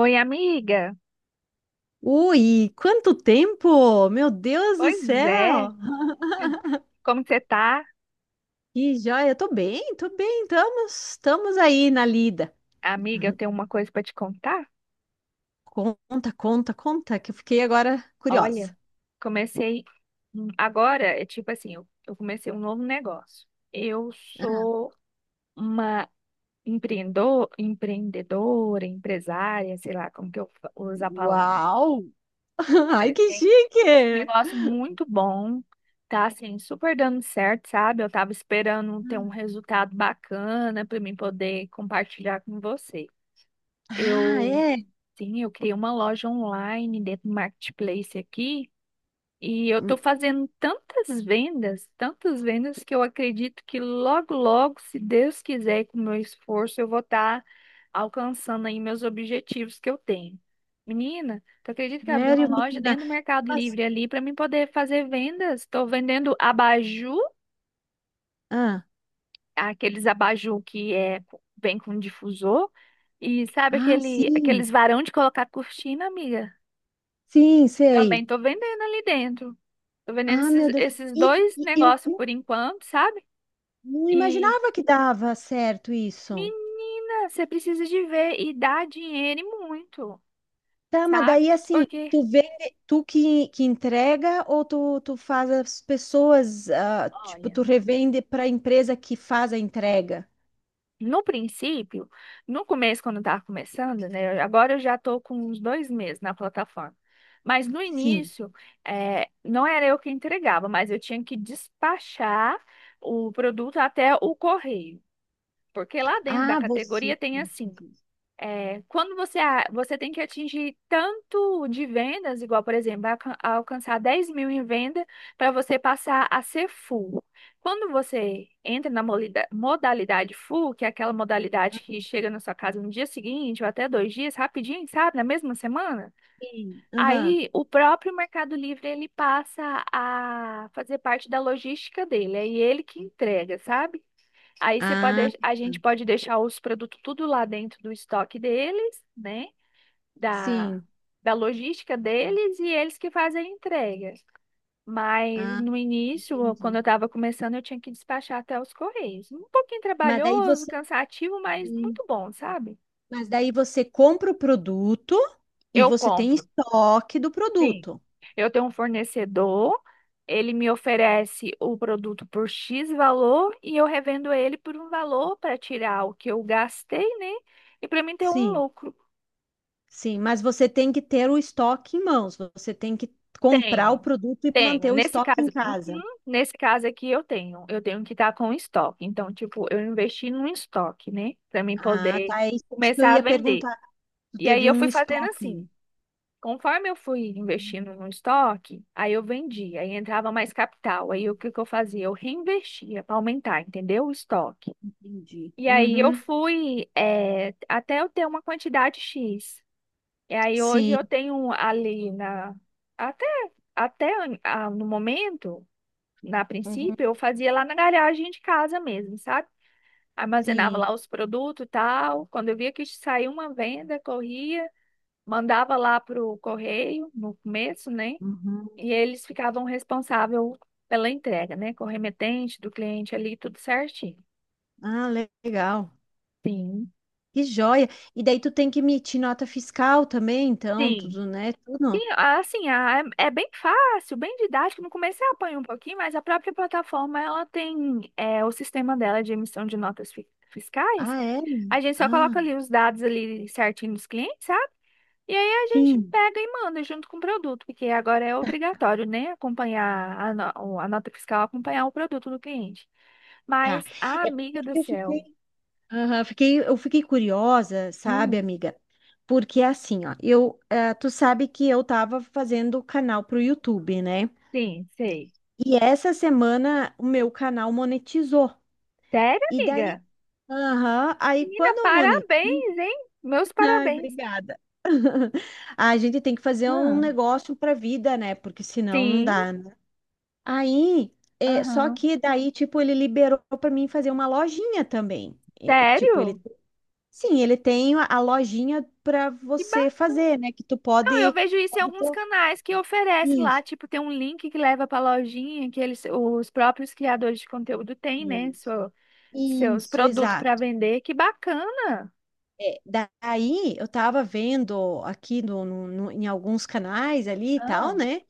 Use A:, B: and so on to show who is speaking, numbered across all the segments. A: Oi, amiga.
B: Ui, quanto tempo! Meu Deus do
A: Pois é.
B: céu!
A: Como que você tá?
B: Que joia! Tô bem, estamos aí na lida.
A: Amiga, eu tenho uma coisa pra te contar.
B: Conta, conta, conta, que eu fiquei agora
A: Olha,
B: curiosa.
A: comecei agora, é tipo assim, eu comecei um novo negócio. Eu sou uma empreendedora, empresária, sei lá como que eu uso a palavra.
B: Uau! Ai,
A: Mas
B: que
A: tem um
B: chique!
A: negócio muito bom, tá assim, super dando certo, sabe? Eu tava esperando ter um resultado bacana pra mim poder compartilhar com você.
B: Ah,
A: Eu,
B: é?
A: sim, eu criei uma loja online dentro do Marketplace aqui e eu estou fazendo tantas vendas que eu acredito que logo, logo, se Deus quiser, e com o meu esforço, eu vou estar alcançando aí meus objetivos que eu tenho. Menina, tu acredita que eu abri uma
B: Sério,
A: loja
B: menina?
A: dentro do Mercado
B: Mas-
A: Livre ali para mim poder fazer vendas? Estou vendendo abajur,
B: ah,
A: aqueles abajur que é, vem com difusor. E sabe aqueles
B: sim,
A: varão de colocar cortina, amiga?
B: sim, sei.
A: Também tô vendendo ali dentro. Tô vendendo
B: Ah, meu Deus.
A: esses
B: E,
A: dois
B: e eu
A: negócios por enquanto, sabe?
B: não
A: E,
B: imaginava que dava certo isso.
A: menina, você precisa de ver e dar dinheiro e muito,
B: Tá, mas
A: sabe?
B: daí assim,
A: Porque,
B: tu vende, tu que entrega ou tu faz as pessoas, tipo,
A: olha.
B: tu revende para a empresa que faz a entrega?
A: No princípio, no começo, quando eu estava começando, né? Agora eu já estou com uns 2 meses na plataforma. Mas no
B: Sim.
A: início, não era eu que entregava, mas eu tinha que despachar o produto até o correio. Porque lá dentro da
B: Ah, você
A: categoria tem
B: que
A: assim.
B: faz isso.
A: É, quando você, você tem que atingir tanto de vendas, igual, por exemplo, alcançar 10 mil em venda para você passar a ser full. Quando você entra na modalidade full, que é aquela modalidade que chega na sua casa no dia seguinte ou até 2 dias, rapidinho, sabe, na mesma semana,
B: Sim. Aham.
A: aí o próprio Mercado Livre ele passa a fazer parte da logística dele, é ele que entrega, sabe? Aí você pode,
B: Ah,
A: a gente
B: tá.
A: pode deixar os produtos tudo lá dentro do estoque deles, né? Da,
B: Sim.
A: da logística deles e eles que fazem a entrega. Mas
B: Ah,
A: no início, quando
B: entendi.
A: eu estava começando, eu tinha que despachar até os correios. Um pouquinho
B: Mas daí
A: trabalhoso,
B: você,
A: cansativo, mas
B: Hum.
A: muito bom, sabe?
B: Mas daí você compra o produto e
A: Eu
B: você tem
A: compro.
B: estoque do
A: Sim.
B: produto.
A: Eu tenho um fornecedor, ele me oferece o produto por X valor e eu revendo ele por um valor para tirar o que eu gastei, né? E para mim ter um
B: Sim.
A: lucro.
B: Sim, mas você tem que ter o estoque em mãos, você tem que comprar o
A: Tenho,
B: produto e
A: tenho.
B: manter o
A: Nesse
B: estoque em
A: caso, uhum,
B: casa.
A: nesse caso aqui eu tenho. Eu tenho que estar com estoque. Então, tipo, eu investi num estoque, né? Para mim
B: Ah,
A: poder
B: tá, é isso que eu
A: começar a
B: ia
A: vender.
B: perguntar. Tu
A: E aí
B: teve
A: eu
B: um
A: fui fazendo
B: estoque, né?
A: assim. Conforme eu fui investindo no estoque, aí eu vendia, aí entrava mais capital. Aí o que que eu fazia? Eu reinvestia para aumentar, entendeu? O estoque.
B: Entendi.
A: E aí eu
B: Uhum,
A: fui até eu ter uma quantidade X. E aí hoje eu
B: sim,
A: tenho ali na. Até, no momento, na
B: uhum,
A: princípio, eu fazia lá na garagem de casa mesmo, sabe? Armazenava lá
B: sim.
A: os produtos e tal. Quando eu via que saiu uma venda, corria, mandava lá pro correio no começo, né?
B: Uhum.
A: E eles ficavam responsável pela entrega, né? Com o remetente do cliente ali, tudo certinho.
B: Ah, legal.
A: Sim.
B: Que joia. E daí tu tem que emitir nota fiscal também, então,
A: Sim.
B: tudo, né? Tudo.
A: E, assim, é bem fácil, bem didático. No começo eu apanho um pouquinho, mas a própria plataforma, ela tem é, o sistema dela de emissão de notas fiscais.
B: Ah, é?
A: A gente só
B: Ah,
A: coloca ali os dados ali certinho dos clientes, sabe? E aí a gente
B: sim.
A: pega e manda junto com o produto, porque agora é obrigatório, né? Acompanhar a, no- a nota fiscal, acompanhar o produto do cliente.
B: Tá.
A: Mas, a
B: É
A: amiga do
B: porque eu fiquei
A: céu.
B: Curiosa, sabe,
A: Hum,
B: amiga? Porque assim, ó, tu sabe que eu tava fazendo canal pro YouTube, né?
A: sim, sei.
B: E essa semana o meu canal monetizou.
A: Sério,
B: E daí,
A: amiga?
B: aham, aí
A: Menina,
B: quando eu monetizo,
A: parabéns, hein? Meus
B: ai,
A: parabéns.
B: obrigada. A gente tem que fazer um
A: Ah,
B: negócio pra vida, né? Porque senão não
A: sim,
B: dá, né? Aí, só
A: aham.
B: que daí, tipo, ele liberou pra mim fazer uma lojinha também. Eh, tipo,
A: Sério?
B: ele Sim, ele tem a lojinha para
A: Que
B: você
A: bacana.
B: fazer, né? Que tu
A: Eu
B: pode,
A: vejo isso em
B: pode ter
A: alguns canais que oferece lá,
B: isso,
A: tipo, tem um link que leva pra lojinha que eles, os próprios criadores de conteúdo têm, né?
B: isso,
A: Seus
B: isso,
A: produtos pra
B: exato.
A: vender. Que bacana.
B: É, daí eu tava vendo aqui em alguns canais ali e
A: Ah,
B: tal, né?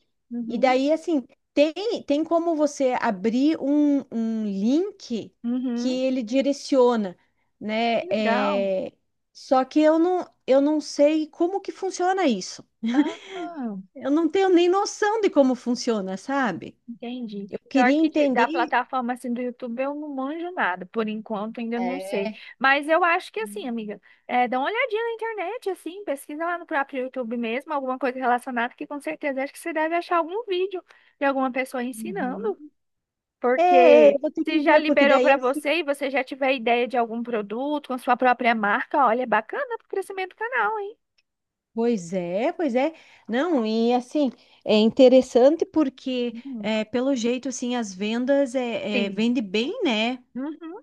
B: E
A: uhum,
B: daí assim tem tem como você abrir um link que
A: uhum.
B: ele direciona, né?
A: Legal.
B: É, só que eu não sei como que funciona isso.
A: Ah.
B: Eu não tenho nem noção de como funciona, sabe?
A: Entendi.
B: Eu
A: Pior
B: queria
A: que da
B: entender.
A: plataforma assim do YouTube eu não manjo nada, por enquanto ainda não sei.
B: É,
A: Mas eu acho que assim, amiga, é, dá uma olhadinha na internet, assim, pesquisa lá no próprio YouTube mesmo, alguma coisa relacionada, que com certeza acho que você deve achar algum vídeo de alguma pessoa ensinando.
B: uhum. É, é, eu
A: Porque
B: vou ter que
A: se já
B: ver, porque
A: liberou
B: daí
A: para
B: assim.
A: você e você já tiver ideia de algum produto com sua própria marca, olha, é bacana pro crescimento do canal, hein?
B: Pois é, pois é. Não, e assim, é interessante porque,
A: Hum.
B: é, pelo jeito, assim, as vendas
A: Sim.
B: vende bem, né?
A: Uhum.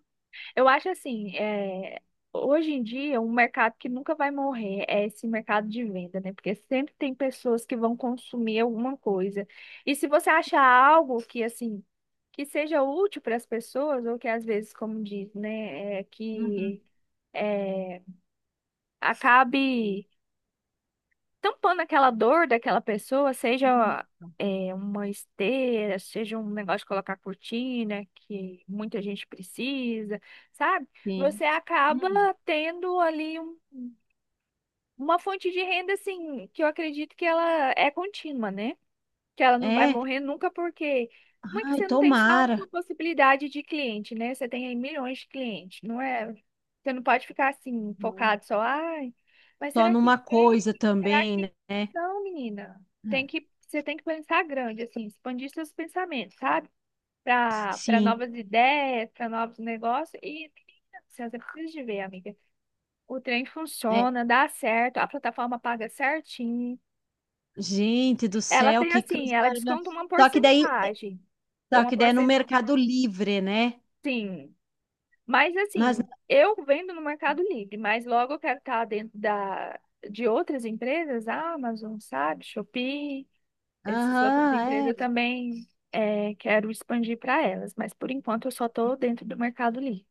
A: Eu acho assim, é, hoje em dia, um mercado que nunca vai morrer é esse mercado de venda, né? Porque sempre tem pessoas que vão consumir alguma coisa. E se você achar algo que, assim, que seja útil para as pessoas, ou que às vezes, como diz, né, é,
B: Uhum.
A: que é, acabe tampando aquela dor daquela pessoa, seja é, uma esteira, seja um negócio de colocar cortina, que muita gente precisa, sabe? Você
B: Sim.
A: acaba
B: Uhum.
A: tendo ali uma fonte de renda, assim, que eu acredito que ela é contínua, né? que ela não vai
B: É.
A: morrer nunca, porque não é que
B: Ai,
A: você não tem só uma
B: tomara.
A: possibilidade de cliente, né? Você tem aí milhões de clientes, não é? Você não pode ficar assim,
B: Uhum.
A: focado só, ai, mas
B: Só
A: será que
B: numa
A: tem?
B: coisa
A: Será
B: também,
A: que.
B: né? É.
A: Não, menina. Tem que, você tem que pensar grande, assim, expandir seus pensamentos, sabe? Para
B: Sim.
A: novas ideias, para novos negócios. E assim, você precisa de ver, amiga. O trem
B: É.
A: funciona, dá certo, a plataforma paga certinho.
B: Gente do
A: Ela
B: céu,
A: tem
B: que
A: assim,
B: coisa
A: ela
B: maravilhosa.
A: desconta uma
B: Só que daí,
A: porcentagem. Tem
B: só
A: uma
B: que daí é no
A: porcentagem,
B: Mercado Livre, né?
A: sim. Mas
B: Mas
A: assim, eu vendo no Mercado Livre, mas logo eu quero estar dentro de outras empresas, Amazon, sabe, Shopee, essas outras empresas
B: Aham,
A: eu
B: é.
A: também quero expandir para elas. Mas por enquanto eu só estou dentro do Mercado Livre.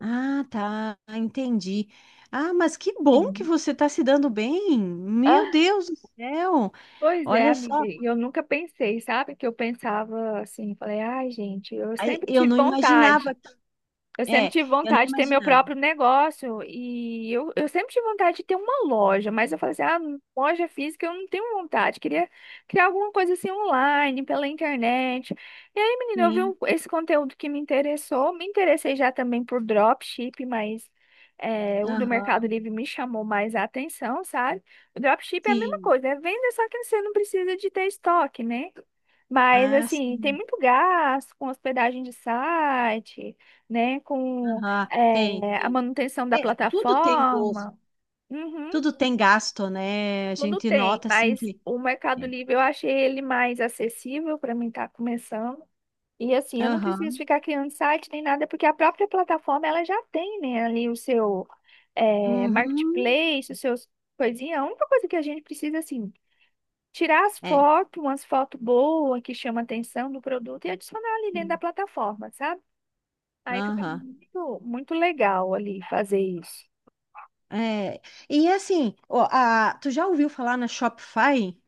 B: Ah, tá, entendi. Ah, mas que bom que
A: Sim.
B: você está se dando bem. Meu
A: Ah,
B: Deus do céu.
A: pois é,
B: Olha
A: amiga.
B: só,
A: E eu nunca pensei, sabe? Que eu pensava assim, falei, ai, gente, eu
B: ai,
A: sempre
B: eu
A: tive
B: não imaginava,
A: vontade. Eu
B: é,
A: sempre tive
B: eu não
A: vontade de ter meu
B: imaginava.
A: próprio negócio e eu sempre tive vontade de ter uma loja, mas eu falei assim, ah, loja física eu não tenho vontade, queria criar alguma coisa assim online, pela internet. E aí, menina, eu vi
B: Sim,
A: esse conteúdo que me interessou, me interessei já também por dropship, mas é, o do Mercado
B: aham,
A: Livre me chamou mais a atenção, sabe? O dropship é a mesma
B: sim.
A: coisa, é venda, só que você não precisa de ter estoque, né? Mas,
B: Ah,
A: assim, tem
B: sim.
A: muito gasto com hospedagem de site, né? Com
B: Aham, tem,
A: é, a
B: tem.
A: manutenção da
B: É, tudo tem gosto,
A: plataforma. Uhum,
B: tudo tem gasto, né? A
A: tudo
B: gente
A: tem,
B: nota assim
A: mas
B: que.
A: o Mercado
B: É.
A: Livre eu achei ele mais acessível para mim estar começando. E assim, eu não preciso
B: Aham,
A: ficar criando site nem nada, porque a própria plataforma ela já tem, né, ali o seu é,
B: uhum,
A: marketplace, os seus coisinhas. A única coisa que a gente precisa, assim, tirar as
B: é,
A: fotos, umas fotos boas que chamam a atenção do produto e adicionar ali dentro da
B: sim,
A: plataforma, sabe? Aí fica
B: aham.
A: muito, muito legal ali fazer isso.
B: É, e assim, ó, tu já ouviu falar na Shopify?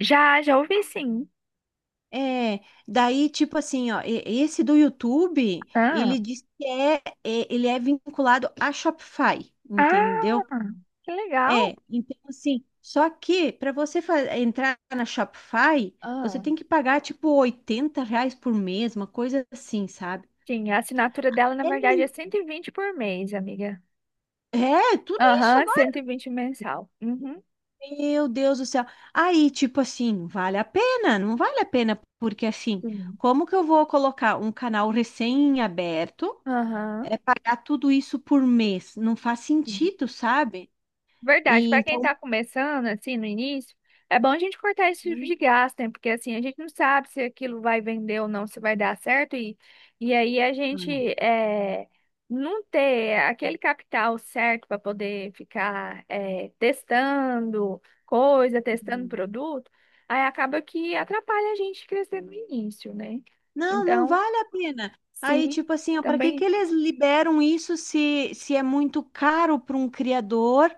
A: Já, já ouvi sim.
B: É, daí, tipo assim, ó, esse do YouTube,
A: Ah,
B: ele diz que é, ele é vinculado a Shopify, entendeu?
A: ah, que legal.
B: É, então assim, só que para você entrar na Shopify, você
A: Ah.
B: tem que pagar tipo R$ 80 por mês, uma coisa assim, sabe?
A: Sim, a assinatura dela, na
B: É
A: verdade, é
B: muito.
A: 120 por mês, amiga.
B: É, tudo isso
A: Aham, cento
B: agora.
A: e vinte mensal. Uhum.
B: Meu Deus do céu. Aí, tipo assim, vale a pena? Não vale a pena, porque assim,
A: Sim.
B: como que eu vou colocar um canal recém-aberto?
A: Aham.
B: É pagar tudo isso por mês. Não faz sentido, sabe?
A: Verdade,
B: E
A: para quem
B: então,
A: está começando, assim, no início, é bom a gente cortar esse tipo
B: Hum,
A: de gasto, né? Porque assim, a gente não sabe se aquilo vai vender ou não, se vai dar certo, e aí a gente
B: hum.
A: é, não ter aquele capital certo para poder ficar é, testando coisa, testando produto, aí acaba que atrapalha a gente crescer no início, né?
B: não, não
A: Então,
B: vale a pena. Aí,
A: sim,
B: tipo assim, ó, para que que
A: também
B: eles liberam isso se é muito caro para um criador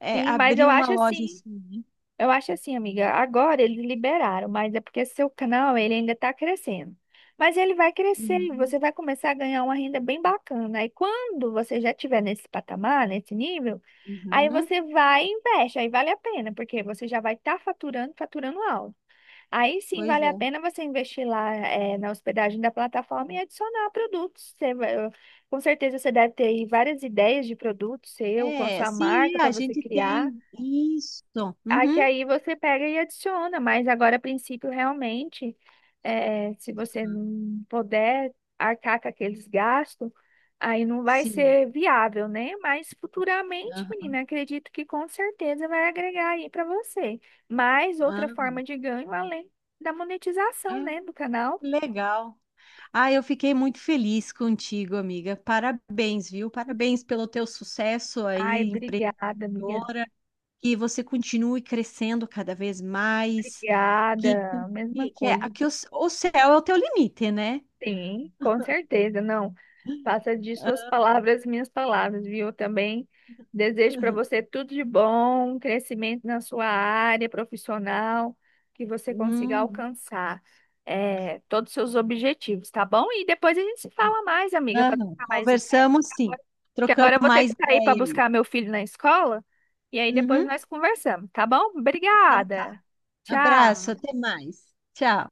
A: sim, mas eu
B: abrir uma
A: acho
B: loja
A: assim.
B: assim, né?
A: Eu acho assim, amiga, agora eles liberaram, mas é porque seu canal ele ainda está crescendo. Mas ele vai crescer e
B: Uhum,
A: você vai começar a ganhar uma renda bem bacana. Aí quando você já estiver nesse patamar, nesse nível, aí
B: uhum.
A: você vai e investe, aí vale a pena, porque você já vai estar faturando, faturando alto. Aí sim
B: Pois
A: vale a
B: é.
A: pena você investir lá na hospedagem da plataforma e adicionar produtos. Com certeza você deve ter aí várias ideias de produtos seu, com a
B: É,
A: sua
B: sim,
A: marca
B: é,
A: para
B: a
A: você
B: gente
A: criar
B: tem isso.
A: aqui
B: Uhum,
A: aí você pega e adiciona, mas agora, a princípio, realmente, se você
B: Uhum.
A: não puder arcar com aqueles gastos, aí não vai
B: Sim.
A: ser viável, né? Mas futuramente,
B: Aham.
A: menina, acredito que com certeza vai agregar aí para você. Mais outra
B: Ah,
A: forma de ganho além da monetização,
B: Ah,
A: né, do canal.
B: que legal. Ah, eu fiquei muito feliz contigo, amiga. Parabéns, viu? Parabéns pelo teu sucesso
A: Ai,
B: aí,
A: obrigada, amiga.
B: empreendedora. Que você continue crescendo cada vez mais. Que,
A: Obrigada. Mesma
B: que, que, é,
A: coisa.
B: que o céu é o teu limite, né?
A: Sim, com certeza, não. Faça de suas palavras minhas palavras, viu? Também desejo para
B: Aham.
A: você tudo de bom, crescimento na sua área profissional, que você consiga
B: Hum,
A: alcançar todos os seus objetivos, tá bom? E depois a gente se fala mais, amiga, para
B: aham,
A: trocar mais ideias.
B: conversamos sim.
A: Agora- porque
B: Trocamos
A: agora eu vou ter
B: mais
A: que sair
B: ideia
A: para
B: aí.
A: buscar meu filho na escola, e aí depois
B: Uhum,
A: nós conversamos, tá bom?
B: então tá.
A: Obrigada. Tchau.
B: Abraço, até mais. Tchau.